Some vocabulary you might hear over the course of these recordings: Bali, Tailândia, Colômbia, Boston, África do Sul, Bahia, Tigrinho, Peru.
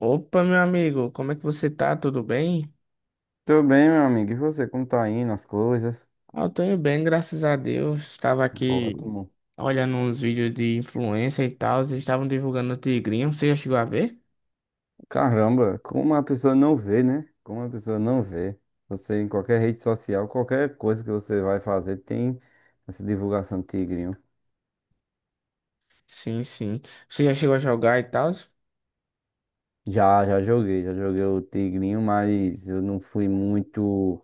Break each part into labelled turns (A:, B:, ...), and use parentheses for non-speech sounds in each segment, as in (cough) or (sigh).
A: Opa, meu amigo, como é que você tá? Tudo bem?
B: Tudo bem, meu amigo. E você, como tá indo as coisas?
A: Ah, eu tô indo bem, graças a Deus. Estava aqui
B: Ótimo.
A: olhando uns vídeos de influência e tal, eles estavam divulgando o Tigrinho. Você já chegou a ver?
B: Caramba, como a pessoa não vê, né? Como a pessoa não vê. Você em qualquer rede social, qualquer coisa que você vai fazer, tem essa divulgação do Tigrinho.
A: Sim, sim. Você já chegou a jogar e tal?
B: Já joguei o Tigrinho, mas eu não fui muito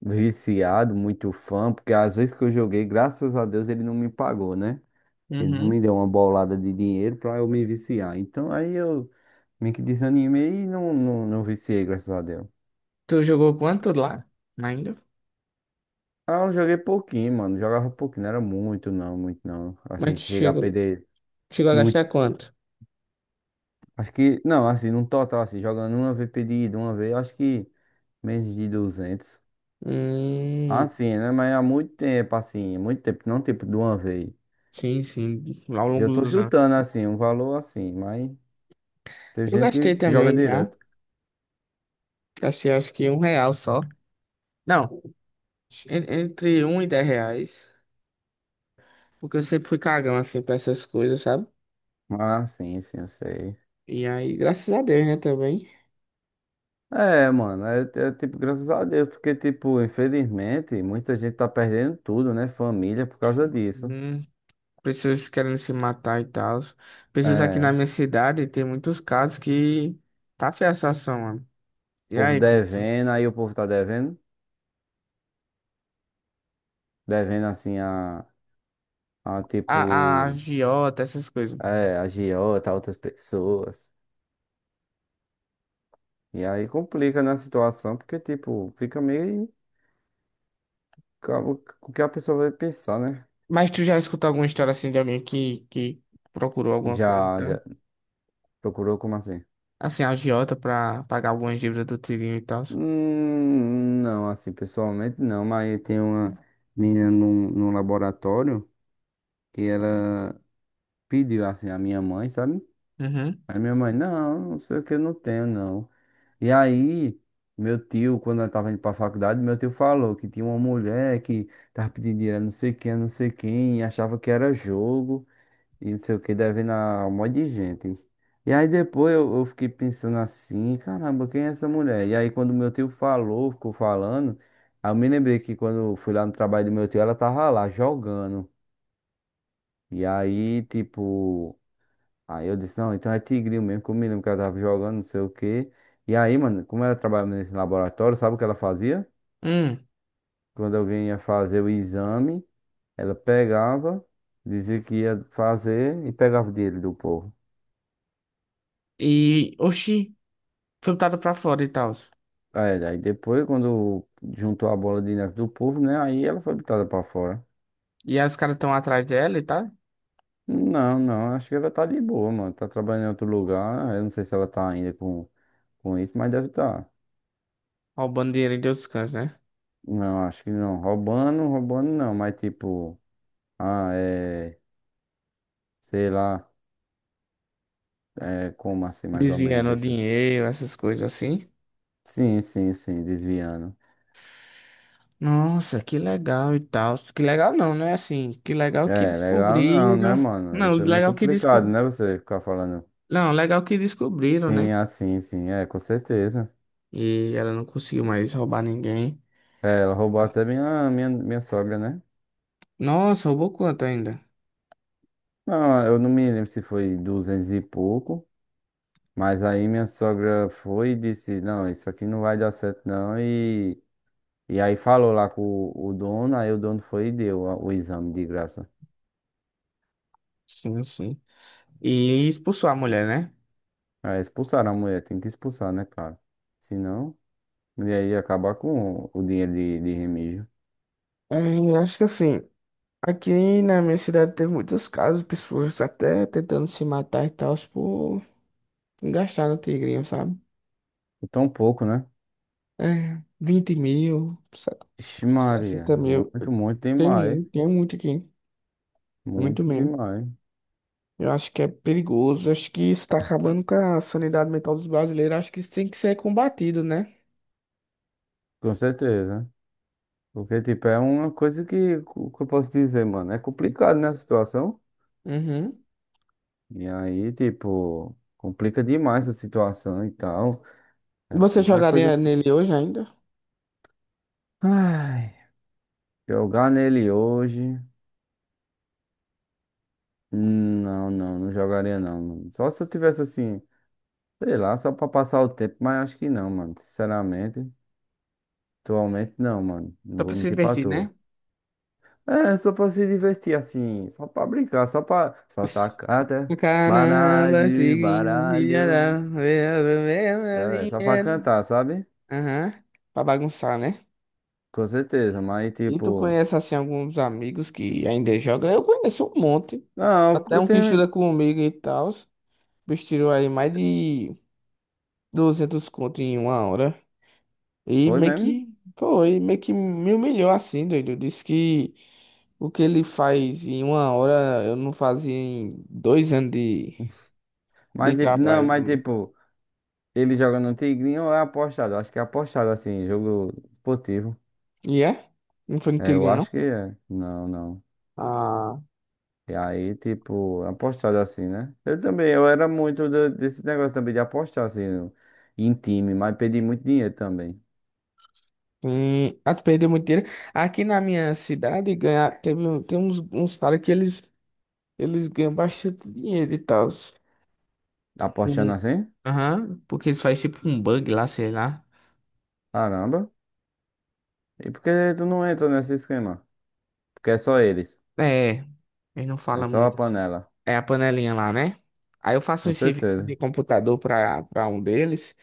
B: viciado, muito fã, porque às vezes que eu joguei, graças a Deus, ele não me pagou, né? Ele não
A: Uhum.
B: me deu uma bolada de dinheiro pra eu me viciar. Então aí eu meio que desanimei e não viciei, graças a Deus.
A: Tu jogou quanto lá? Ainda?
B: Ah, eu joguei pouquinho, mano. Jogava pouquinho, não era muito, não, muito não.
A: Mas
B: Assim,
A: tu
B: chegar a
A: chegou,
B: perder
A: chegou a
B: muito.
A: gastar quanto?
B: Acho que, não, assim, num total, assim, jogando uma vez perdido, uma vez, eu acho que menos de 200.
A: Hum,
B: Assim, né? Mas há muito tempo, assim, muito tempo, não tempo de uma vez.
A: sim, sim, ao
B: Eu
A: longo
B: tô
A: dos anos.
B: chutando, assim, um valor assim, mas tem
A: Eu
B: gente
A: gastei
B: que joga
A: também já.
B: direto.
A: Gastei acho que um real só. Não, entre um e 10 reais. Porque eu sempre fui cagão, assim, pra essas coisas, sabe?
B: Ah, sim, sim, eu sei.
A: E aí, graças a Deus, né, também.
B: É, mano, tipo, graças a Deus, porque, tipo, infelizmente, muita gente tá perdendo tudo, né? Família por causa disso.
A: Hum, Pessoas querendo se matar e tal. Pessoas aqui na
B: É,
A: minha cidade, tem muitos casos que tá feia a situação, mano.
B: o
A: E
B: povo
A: aí, como assim?
B: devendo, aí o povo tá devendo, devendo assim a
A: A
B: tipo,
A: agiota, essas coisas.
B: é, agiota, a outras pessoas. E aí complica na situação, porque, tipo, fica meio com o que a pessoa vai pensar, né?
A: Mas tu já escutou alguma história, assim, de alguém que procurou alguma coisa,
B: Já
A: tá?
B: procurou como assim?
A: Assim, a agiota pra pagar algumas dívidas do tirinho e tal.
B: Não, assim, pessoalmente não, mas tem uma menina num, laboratório. Que ela pediu assim a minha mãe, sabe?
A: Uhum.
B: Aí minha mãe, não, não sei o que, eu não tenho, não. E aí, meu tio, quando ela tava indo pra faculdade, meu tio falou que tinha uma mulher que tava pedindo dinheiro a não sei quem, a não sei quem, e achava que era jogo, e não sei o que, devendo a um monte de gente. E aí depois eu fiquei pensando assim, caramba, quem é essa mulher? E aí quando meu tio falou, ficou falando, aí eu me lembrei que quando eu fui lá no trabalho do meu tio, ela tava lá jogando. E aí, tipo, aí eu disse, não, então é tigrinho mesmo, que eu me lembro que ela tava jogando, não sei o quê. E aí, mano, como ela trabalhava nesse laboratório, sabe o que ela fazia?
A: Hum.
B: Quando alguém ia fazer o exame, ela pegava, dizia que ia fazer e pegava o dinheiro do povo.
A: E, oxi, foi botada pra fora e tal.
B: Aí depois, quando juntou a bola de neve do povo, né? Aí ela foi botada pra fora.
A: E aí os caras estão atrás dela e tal.
B: Não, não, acho que ela tá de boa, mano. Tá trabalhando em outro lugar. Eu não sei se ela tá ainda com, isso, mas deve estar. Tá.
A: Roubando dinheiro de outros cantos, né?
B: Não, acho que não. Roubando, roubando não, mas tipo. Ah, é. Sei lá, é, como assim, mais ou menos,
A: Desviando
B: deixa eu...
A: dinheiro, essas coisas assim.
B: Sim, sim, sim, desviando.
A: Nossa, que legal e tal. Que legal não, né? Assim, que legal que
B: É, legal não, né,
A: descobriram.
B: mano?
A: Não,
B: Isso é meio
A: legal que
B: complicado,
A: desco...
B: né, você ficar falando.
A: Não, legal que descobriram, né?
B: Sim, assim, sim, é, com certeza.
A: E ela não conseguiu mais roubar ninguém.
B: É, ela roubou até minha sogra, né?
A: Nossa, roubou quanto ainda?
B: Não, eu não me lembro se foi 200 e pouco, mas aí minha sogra foi e disse, não, isso aqui não vai dar certo não, e... E aí falou lá com o, dono, aí o dono foi e deu o exame de graça.
A: Sim, sim. E expulsou a mulher, né?
B: É, expulsaram a mulher, tem que expulsar, né, cara? Se não... E aí acabar com o dinheiro de remígio.
A: É, eu acho que assim, aqui na minha cidade teve muitos casos, pessoas até tentando se matar e tal, por gastar no tigrinho, sabe?
B: Por tão pouco, né?
A: É, 20 mil,
B: Ixi, Maria.
A: 60 mil.
B: Muito, muito demais.
A: Tem muito aqui. Muito
B: Muito
A: mesmo.
B: demais.
A: Eu acho que é perigoso. Acho que isso tá acabando com a sanidade mental dos brasileiros. Acho que isso tem que ser combatido, né?
B: Com certeza. Porque, tipo, é uma coisa que eu posso dizer, mano. É complicado, né, a situação.
A: Uhum.
B: E aí, tipo, complica demais a situação e tal. É
A: Você
B: uma coisa
A: jogaria
B: que.
A: nele hoje ainda?
B: Ai, jogar nele hoje. Não jogaria não, mano. Só se eu tivesse assim, sei lá, só pra passar o tempo, mas acho que não, mano. Sinceramente. Atualmente não, mano. Não
A: Só
B: vou
A: pra se
B: mentir pra
A: divertir,
B: tu.
A: né?
B: É, só pra se divertir assim, só pra brincar, só pra. Só tá
A: Isso.
B: canta,
A: Caramba,
B: baralho,
A: tigrinho, filha
B: baralho.
A: da...
B: É só pra
A: dinheiro.
B: cantar, sabe?
A: Aham. Pra bagunçar, né?
B: Com certeza, mas
A: E tu
B: tipo.
A: conhece assim alguns amigos que ainda jogam? Eu conheço um monte.
B: Não,
A: Até
B: eu
A: um que
B: tenho.
A: estuda comigo e tal. O bicho tirou aí mais de 200 conto em uma hora. E
B: Foi mesmo?
A: meio que me humilhou assim, doido. Disse que o que ele faz em uma hora eu não fazia em dois anos de
B: Mas tipo, não,
A: trabalho
B: mas
A: duro.
B: tipo, ele joga no Tigrinho ou é apostado? Acho que é apostado assim, jogo esportivo.
A: E é? Não foi no
B: É, eu
A: Tigre, não?
B: acho que é. Não, não.
A: Ah,
B: E aí, tipo, apostado assim, né? Eu também, eu era muito desse negócio também de apostar assim, em time, mas perdi muito dinheiro também.
A: sim. Ah, tu perdeu muito dinheiro. Aqui na minha cidade ganha, teve, tem uns caras que eles. Eles ganham bastante dinheiro e tal.
B: Apostando
A: Sim.
B: assim?
A: Aham, porque eles fazem tipo um bug lá, sei lá.
B: Caramba. E por que tu não entra nesse esquema? Porque é só eles.
A: É, eles não
B: É
A: falam
B: só a
A: muito assim.
B: panela.
A: É a panelinha lá, né? Aí eu faço
B: Com
A: um serviço de
B: certeza.
A: computador pra um deles.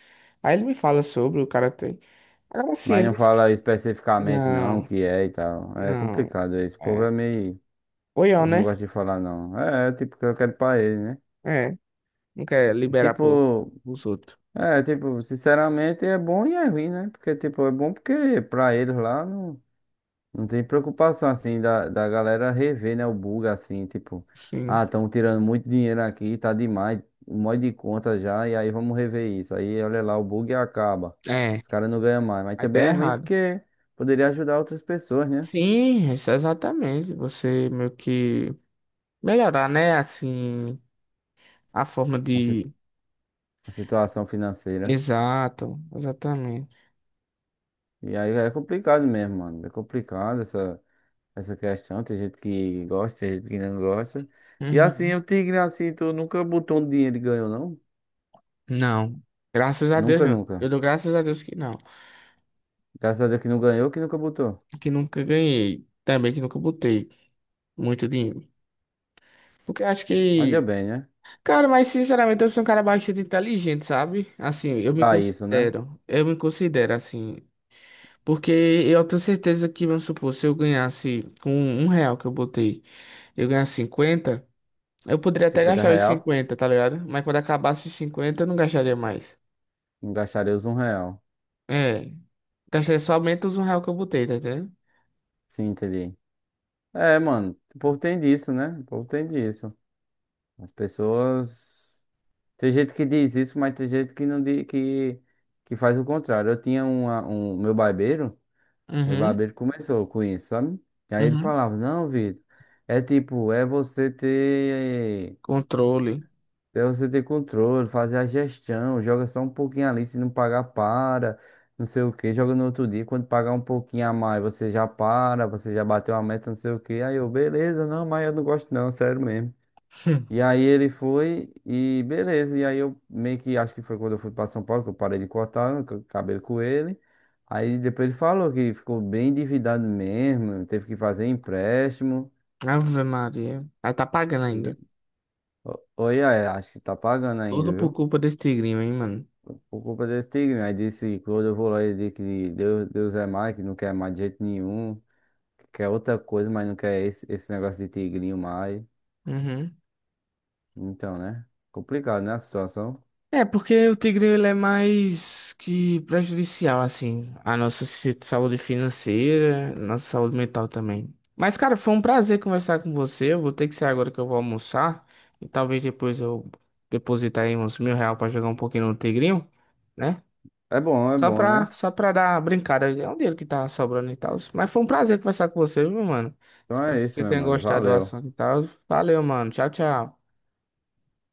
A: Aí ele me fala sobre, o cara tem. Agora sim,
B: Mas não
A: eles.
B: fala especificamente não o
A: Não,
B: que é e tal. É
A: não.
B: complicado isso. O povo
A: É.
B: é meio. O
A: Oião,
B: povo não
A: né?
B: gosta de falar não. Tipo, que eu quero pra ele, né?
A: É, não quer
B: E,
A: liberar pro,
B: Tipo,
A: pros outros.
B: É, tipo, sinceramente é bom e é ruim, né? Porque, tipo, é bom porque pra eles lá não, tem preocupação, assim, da galera rever, né? O bug, assim, tipo, ah,
A: Sim.
B: estão tirando muito dinheiro aqui, tá demais, um monte de conta já, e aí vamos rever isso. Aí, olha lá, o bug acaba.
A: É,
B: Os caras não ganham mais. Mas
A: a
B: também
A: ideia é
B: é ruim
A: errada.
B: porque poderia ajudar outras pessoas, né?
A: Sim, isso é exatamente. Você meio que melhorar, né? Assim. A forma
B: A, si-
A: de.
B: a situação financeira.
A: Exato, exatamente.
B: E aí é complicado mesmo, mano. É complicado Essa questão. Tem gente que gosta, tem gente que não gosta. E assim,
A: Uhum.
B: o Tigre, assim, tu nunca botou um dinheiro e ganhou, não?
A: Não. Graças a Deus,
B: Nunca,
A: não. Eu
B: nunca.
A: dou graças a Deus que não.
B: Graças a Deus que não ganhou, que nunca botou.
A: Que nunca ganhei. Também que nunca botei muito dinheiro. Porque acho
B: Olha
A: que.
B: bem, né?
A: Cara, mas sinceramente eu sou um cara bastante inteligente, sabe? Assim, eu me
B: Pra isso, né?
A: considero. Eu me considero assim. Porque eu tenho certeza que, vamos supor, se eu ganhasse com um real que eu botei, eu ganhasse 50 eu poderia até
B: 50
A: gastar os
B: real,
A: 50 tá ligado? Mas quando acabasse os 50 eu não gastaria mais.
B: não gastaria os 1 real.
A: É, gastei somente os um real que eu botei, tá entendendo?
B: Sim, entendi. É, mano, o povo tem disso, né? O povo tem disso. As pessoas. Tem gente que diz isso, mas tem gente que não diz, que, faz o contrário. Eu tinha um meu barbeiro. Meu
A: Uhum,
B: barbeiro começou com isso, sabe? E aí ele
A: uhum.
B: falava, não, Vitor, é tipo, é você ter,
A: Controle.
B: é você ter controle, fazer a gestão, joga só um pouquinho ali, se não pagar, para, não sei o que, joga no outro dia, quando pagar um pouquinho a mais, você já para, você já bateu a meta, não sei o que, aí eu, beleza, não, mas eu não gosto não, sério mesmo. E
A: (laughs)
B: aí ele foi e beleza. E aí eu meio que acho que foi quando eu fui para São Paulo que eu parei de cortar o cabelo com ele. Aí depois ele falou que ficou bem endividado mesmo, teve que fazer empréstimo.
A: Hum. Ave Maria. Aí tá pagando ainda.
B: Oi, aí, acho que tá pagando ainda,
A: Tudo por
B: viu?
A: culpa desse tigrinho, hein, mano?
B: Por culpa desse tigre. Aí disse quando eu vou lá ele disse que Deus, Deus é mais, que não quer mais de jeito nenhum, que quer outra coisa, mas não quer esse, negócio de tigrinho mais.
A: Uhum.
B: Então, né? Complicado, né, a situação.
A: É, porque o tigrinho ele é mais que prejudicial, assim, à nossa saúde financeira, nossa saúde mental também. Mas, cara, foi um prazer conversar com você. Eu vou ter que sair agora que eu vou almoçar. E talvez depois eu depositar aí uns mil real pra jogar um pouquinho no tigrinho, né?
B: É
A: Só
B: bom, né?
A: pra, só pra dar uma brincada. É um dinheiro que tá sobrando e tal. Mas foi um prazer conversar com você, viu, mano?
B: Então
A: Espero
B: é
A: que
B: isso,
A: você
B: meu
A: tenha
B: mano.
A: gostado do
B: Valeu.
A: assunto e tal. Valeu, mano. Tchau, tchau.